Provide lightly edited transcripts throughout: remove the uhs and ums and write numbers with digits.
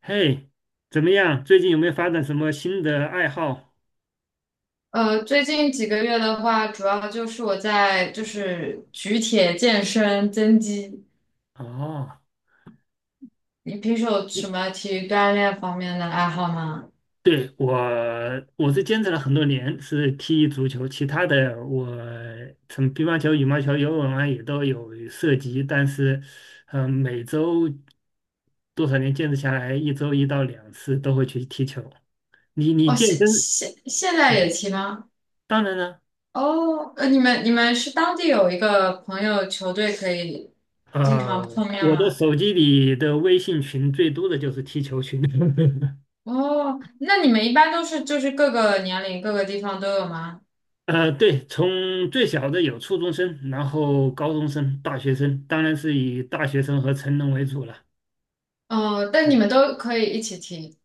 嘿，怎么样？最近有没有发展什么新的爱好？最近几个月的话，主要就是我在就是举铁健身增肌。哦，你平时有什你么体育锻炼方面的爱好吗？对我，我是坚持了很多年，是踢足球，其他的我从乒乓球、羽毛球、游泳啊也都有涉及，但是，每周多少年坚持下来，一周一到两次都会去踢球。你哦，健现身，现现在也踢吗？当然了，哦，你们是当地有一个朋友球队可以经常呃，碰面我的吗？手机里的微信群最多的就是踢球群。哦，那你们一般都是就是各个年龄各个地方都有吗？呃，对，从最小的有初中生，然后高中生、大学生，当然是以大学生和成人为主了。哦，但你们都可以一起踢。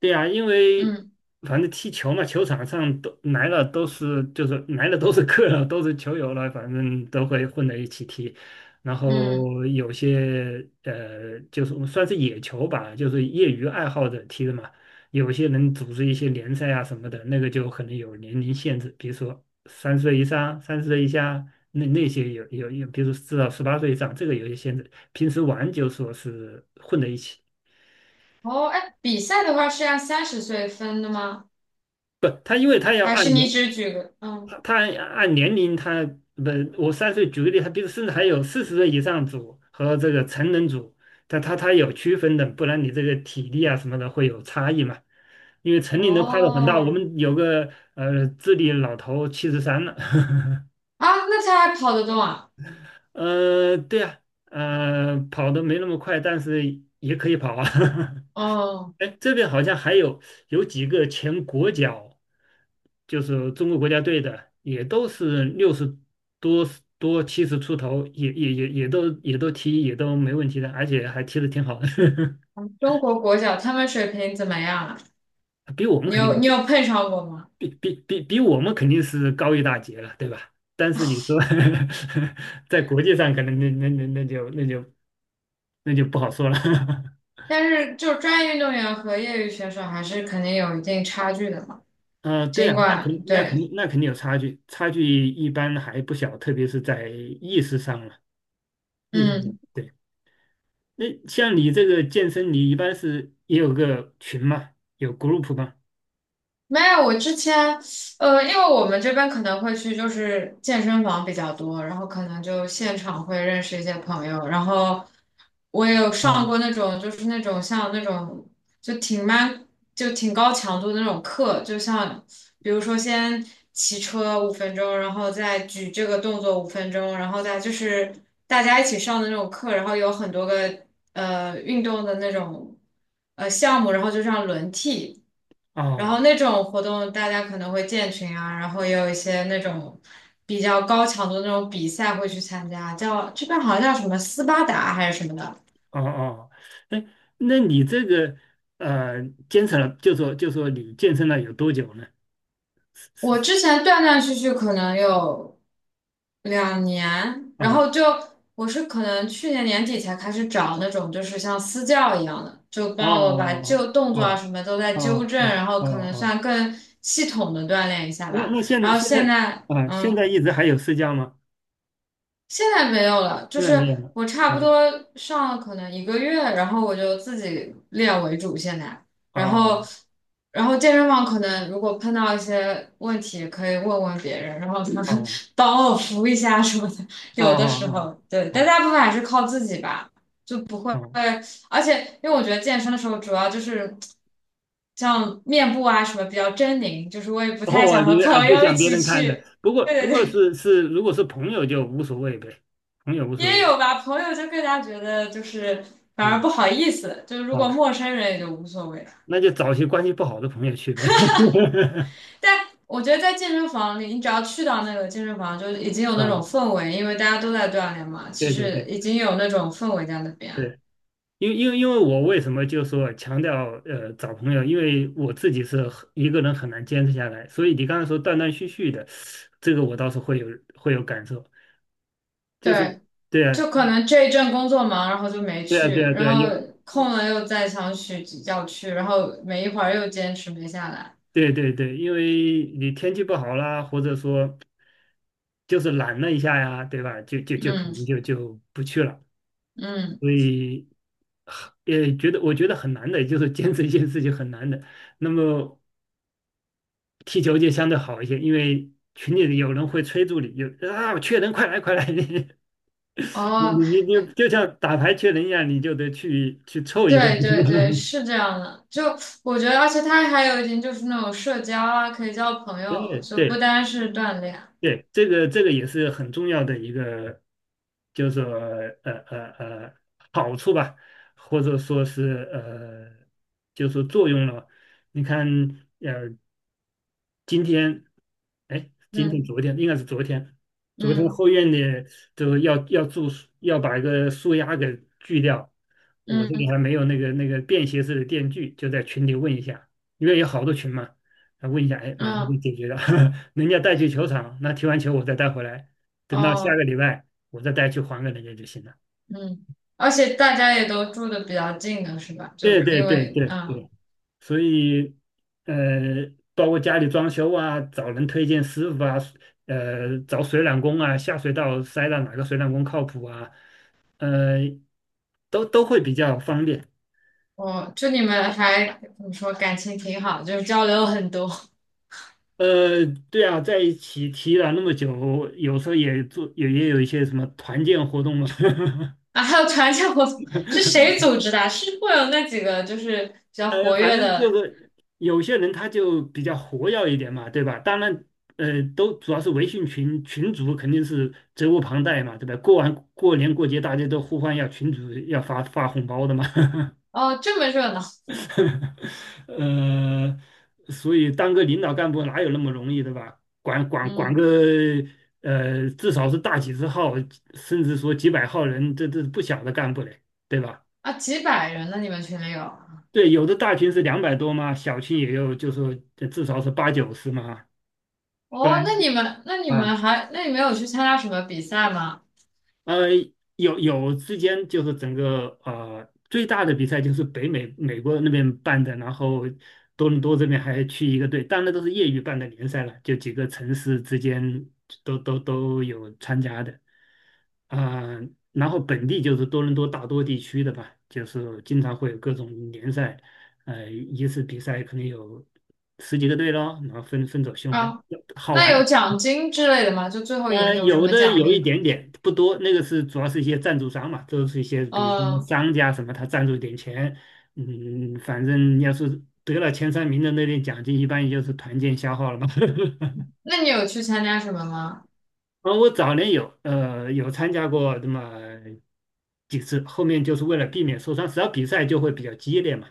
对呀，因为嗯反正踢球嘛，球场上都来了都是就是来了都是客了，都是球友了，反正都会混在一起踢。然嗯。后有些就是我们算是野球吧，就是业余爱好者踢的嘛。有些人组织一些联赛啊什么的，那个就可能有年龄限制，比如说3岁以上、30岁以下，那那些有有有，比如说至少18岁以上，这个有些限制。平时玩就说是混在一起。哦，哎，比赛的话是按30岁分的吗？不，他因为他要还是按你年。只举个，他按年龄他，不，我3岁举个例，他比如甚至还有40岁以上组和这个成人组，他有区分的，不然你这个体力啊什么的会有差异嘛。因为成年的跨度很大，我哦，们有个智力老头73了，啊，那他还跑得动啊？呃，对啊，呃，跑的没那么快，但是也可以跑啊。哦，哎，这边好像还有有几个前国脚，就是中国国家队的，也都是六十多多七十出头，也都踢也都没问题的，而且还踢得挺好的，中国国脚他们水平怎么样啊？比我们你肯定有你有碰上过吗？比我们肯定是高一大截了，对吧？但是你说 在国际上，可能那就不好说了。但是就专业运动员和业余选手还是肯定有一定差距的嘛。呃，对尽呀，那肯管那肯对，那肯定有差距，差距一般还不小，特别是在意识上了。意思是嗯。对。那像你这个健身，你一般是也有个群嘛？有 group 吗？没有，我之前，因为我们这边可能会去就是健身房比较多，然后可能就现场会认识一些朋友，然后我也有上啊。过那种就是那种像那种就挺蛮就挺高强度的那种课，就像比如说先骑车五分钟，然后再举这个动作五分钟，然后再就是大家一起上的那种课，然后有很多个运动的那种项目，然后就这样轮替。然哦后那种活动大家可能会建群啊，然后也有一些那种比较高强度的那种比赛会去参加，叫这边好像叫什么斯巴达还是什么的。哦哦，哎，那你这个呃，坚持了，就说你健身了有多久呢？我之前断断续续可能有2年，然后啊就我是可能去年年底才开始找那种就是像私教一样的，就哦帮我把旧动作啊哦什么都在哦纠哦正，哦然后哦可能哦，算更系统的锻炼一下那吧。那现然在后现现在在，啊，现嗯。在一直还有私教吗？现在没有了，就现在没有是了。我差啊不多上了可能1个月，然后我就自己练为主现在，然后哦然后健身房可能如果碰到一些问题，可以问问别人，然后他哦们 帮我扶一下什么的，哦有的时哦候对，但哦大部分还是靠自己吧，就不会，哦。而且因为我觉得健身的时候主要就是。像面部啊什么比较狰狞，就是我也 不太哦，想和你朋不友一想别起人看着，去。不过对不对过对。是是，如果是朋友就无所谓呗，朋友无所也谓有吧，朋友就更加觉得就是反啊而不好意思，就是如果啊，陌生人也就无所谓了。那就找些关系不好的朋友去呗。但我觉得在健身房里，你只要去到那个健身房，就已经有那种啊，氛围，因为大家都在锻炼嘛，其对对实对已经有那种氛围在那边。对，因为我为什么就说强调找朋友，因为我自己是很一个人很难坚持下来，所以你刚才说断断续续的，这个我倒是会有会有感受，就是对，对啊就可能这一阵工作忙，然后就没对啊对去，啊对然啊，后有空了又再想去要去，然后没一会儿又坚持没下来。对对对，因为你天气不好啦，或者说。就是懒了一下呀，对吧？就就就可嗯能就就不去了，嗯，所以很也觉得我觉得很难的，就是坚持一件事情很难的。那么踢球就相对好一些，因为群里有人会催促你，有啊缺人快来快来，你哦，你你你就像打牌缺人一样，你就得去凑一份。对对对，是 这样的。就我觉得，而且它还有一点就是那种社交啊，可以交朋真友，的就不对，单是锻炼。对，这个这个也是很重要的一个，就是说呃呃呃好处吧，或者说是就是说作用了。你看，呃，今天，哎，今天嗯昨天应该是昨天，昨天后嗯院的就是要种树，要把一个树丫给锯掉。我这里还嗯没有那个便携式的电锯，就在群里问一下，因为有好多群嘛，啊问一下，哎，马上就嗯解决了。人家带去球场，那踢完球我再带回来，等到下哦个礼拜我再带去还给人家就行了。嗯。而且大家也都住的比较近的是吧？对就对因对为对对，所以包括家里装修啊，找人推荐师傅啊，找水暖工啊，下水道塞到哪个水暖工靠谱啊，呃，都会比较方便。我就你们还怎么说感情挺好，就是交流很多 呃，对啊，在一起提了那么久，有时候也做也也有一些什么团建活动嘛。啊。还有团建活动是谁组织的啊是会有那几个就是比较活反跃正就的是有些人他就比较活跃一点嘛，对吧？当然，都主要是微信群群主肯定是责无旁贷嘛，对吧？过完过年过节，大家都呼唤要群主要发发红包的嘛，哦，这么热闹。呃，所以当个领导干部哪有那么容易，对吧？管个嗯至少是大几十号，甚至说几百号人，这是不小的干部嘞，对吧？啊，几百人呢？你们群里有？对，有的大群是200多嘛，小群也有，就说至少是八九十嘛，不然哦，那你们那你啊，们还那你们有去参加什么比赛吗？呃，有有之间就是整个最大的比赛就是北美美国那边办的，然后多伦多这边还去一个队，当然都是业余办的联赛了，就几个城市之间都有参加的。啊、然后本地就是多伦多大多地区的吧，就是经常会有各种联赛，一次比赛可能有十几个队咯，然后分走循环，啊，好那玩，有奖金之类的吗？就最后赢嗯，有什有么的奖有励一吗？点点，不多。那个是主要是一些赞助商嘛，都是一些比如什么嗯，商家什么，他赞助一点钱。嗯，反正要是得了前三名的那点奖金，一般也就是团建消耗了嘛。那你有去参加什么吗？啊，我早年有有参加过那么几次，后面就是为了避免受伤，只要比赛就会比较激烈嘛。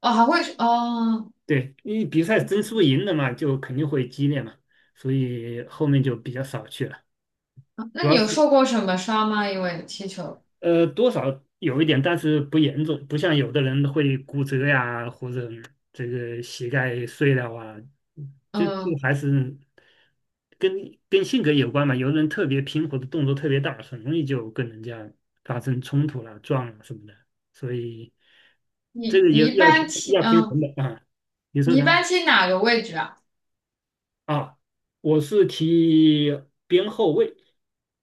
哦，还会哦，对，因为比赛争输赢的嘛，就肯定会激烈嘛，所以后面就比较少去了。主那你要有是。受过什么伤吗？因为踢球，多少有一点，但是不严重，不像有的人会骨折呀，或者这个膝盖碎了啊，就嗯，还是跟跟性格有关嘛。有的人特别平和的动作特别大，很容易就跟人家发生冲突了、撞了什么的。所以这你个也你一要般平踢，要平衡嗯，的啊。你说你一什么般踢哪个位置啊？啊？我是踢边后卫，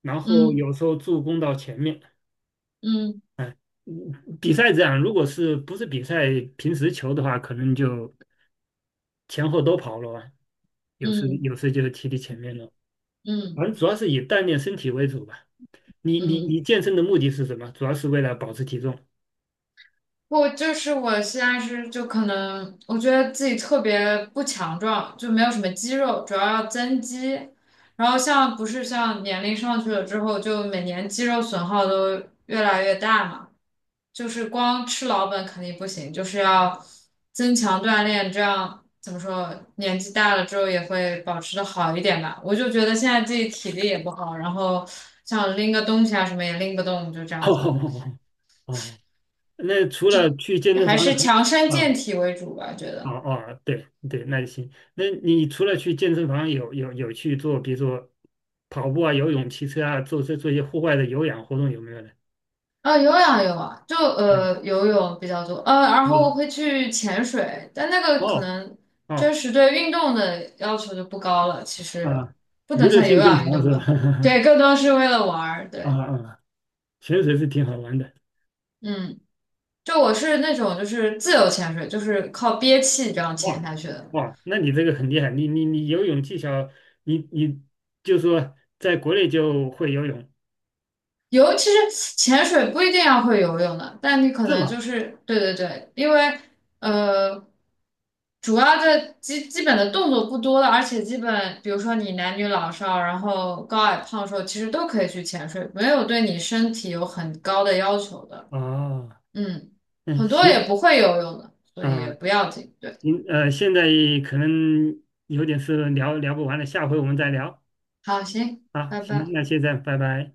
然后嗯有时候助攻到前面。嗯嗯，比赛这样，如果是不是比赛，平时球的话，可能就前后都跑了吧，有时有嗯时就踢踢前面了。反嗯正主要是以锻炼身体为主吧。你嗯。你你健身的目的是什么？主要是为了保持体重。我现在是就可能我觉得自己特别不强壮，就没有什么肌肉，主要要增肌。然后像不是像年龄上去了之后，就每年肌肉损耗都越来越大嘛，就是光吃老本肯定不行，就是要增强锻炼，这样怎么说，年纪大了之后也会保持的好一点吧。我就觉得现在自己体力也不好，然后像拎个东西啊什么也拎不动，就这 样子。哦哦，那除了去健身还房是还，强身 健啊体为主吧，觉哦得。哦，对对，那就行。那你除了去健身房有有去做，比如说跑步啊、游泳、骑车啊，做这做一些户外的有氧活动有没有呢？啊，有氧有啊，就啊，游泳比较多，然后嗯，会去潜水，但那个可哦。能哦真实对运动的要求就不高了，其实啊，不娱能乐算有性更氧运强动是吧，吧？对，更多是为了玩儿，啊对，啊，潜水是挺好玩的。嗯，就我是那种就是自由潜水，就是靠憋气这样潜哇下去的，哇，那你这个很厉害，你游泳技巧，你你就说在国内就会游泳其实潜水不一定要会游泳的，但你可是能就吗？是对对对，因为呃，主要的基本的动作不多了，而且基本比如说你男女老少，然后高矮胖瘦，其实都可以去潜水，没有对你身体有很高的要求的。啊，嗯，嗯，很多行也不会游泳的，所以啊，也不要紧。对，行现在可能有点事聊不完了，下回我们再聊好，行，啊。拜行，拜。那现在拜拜。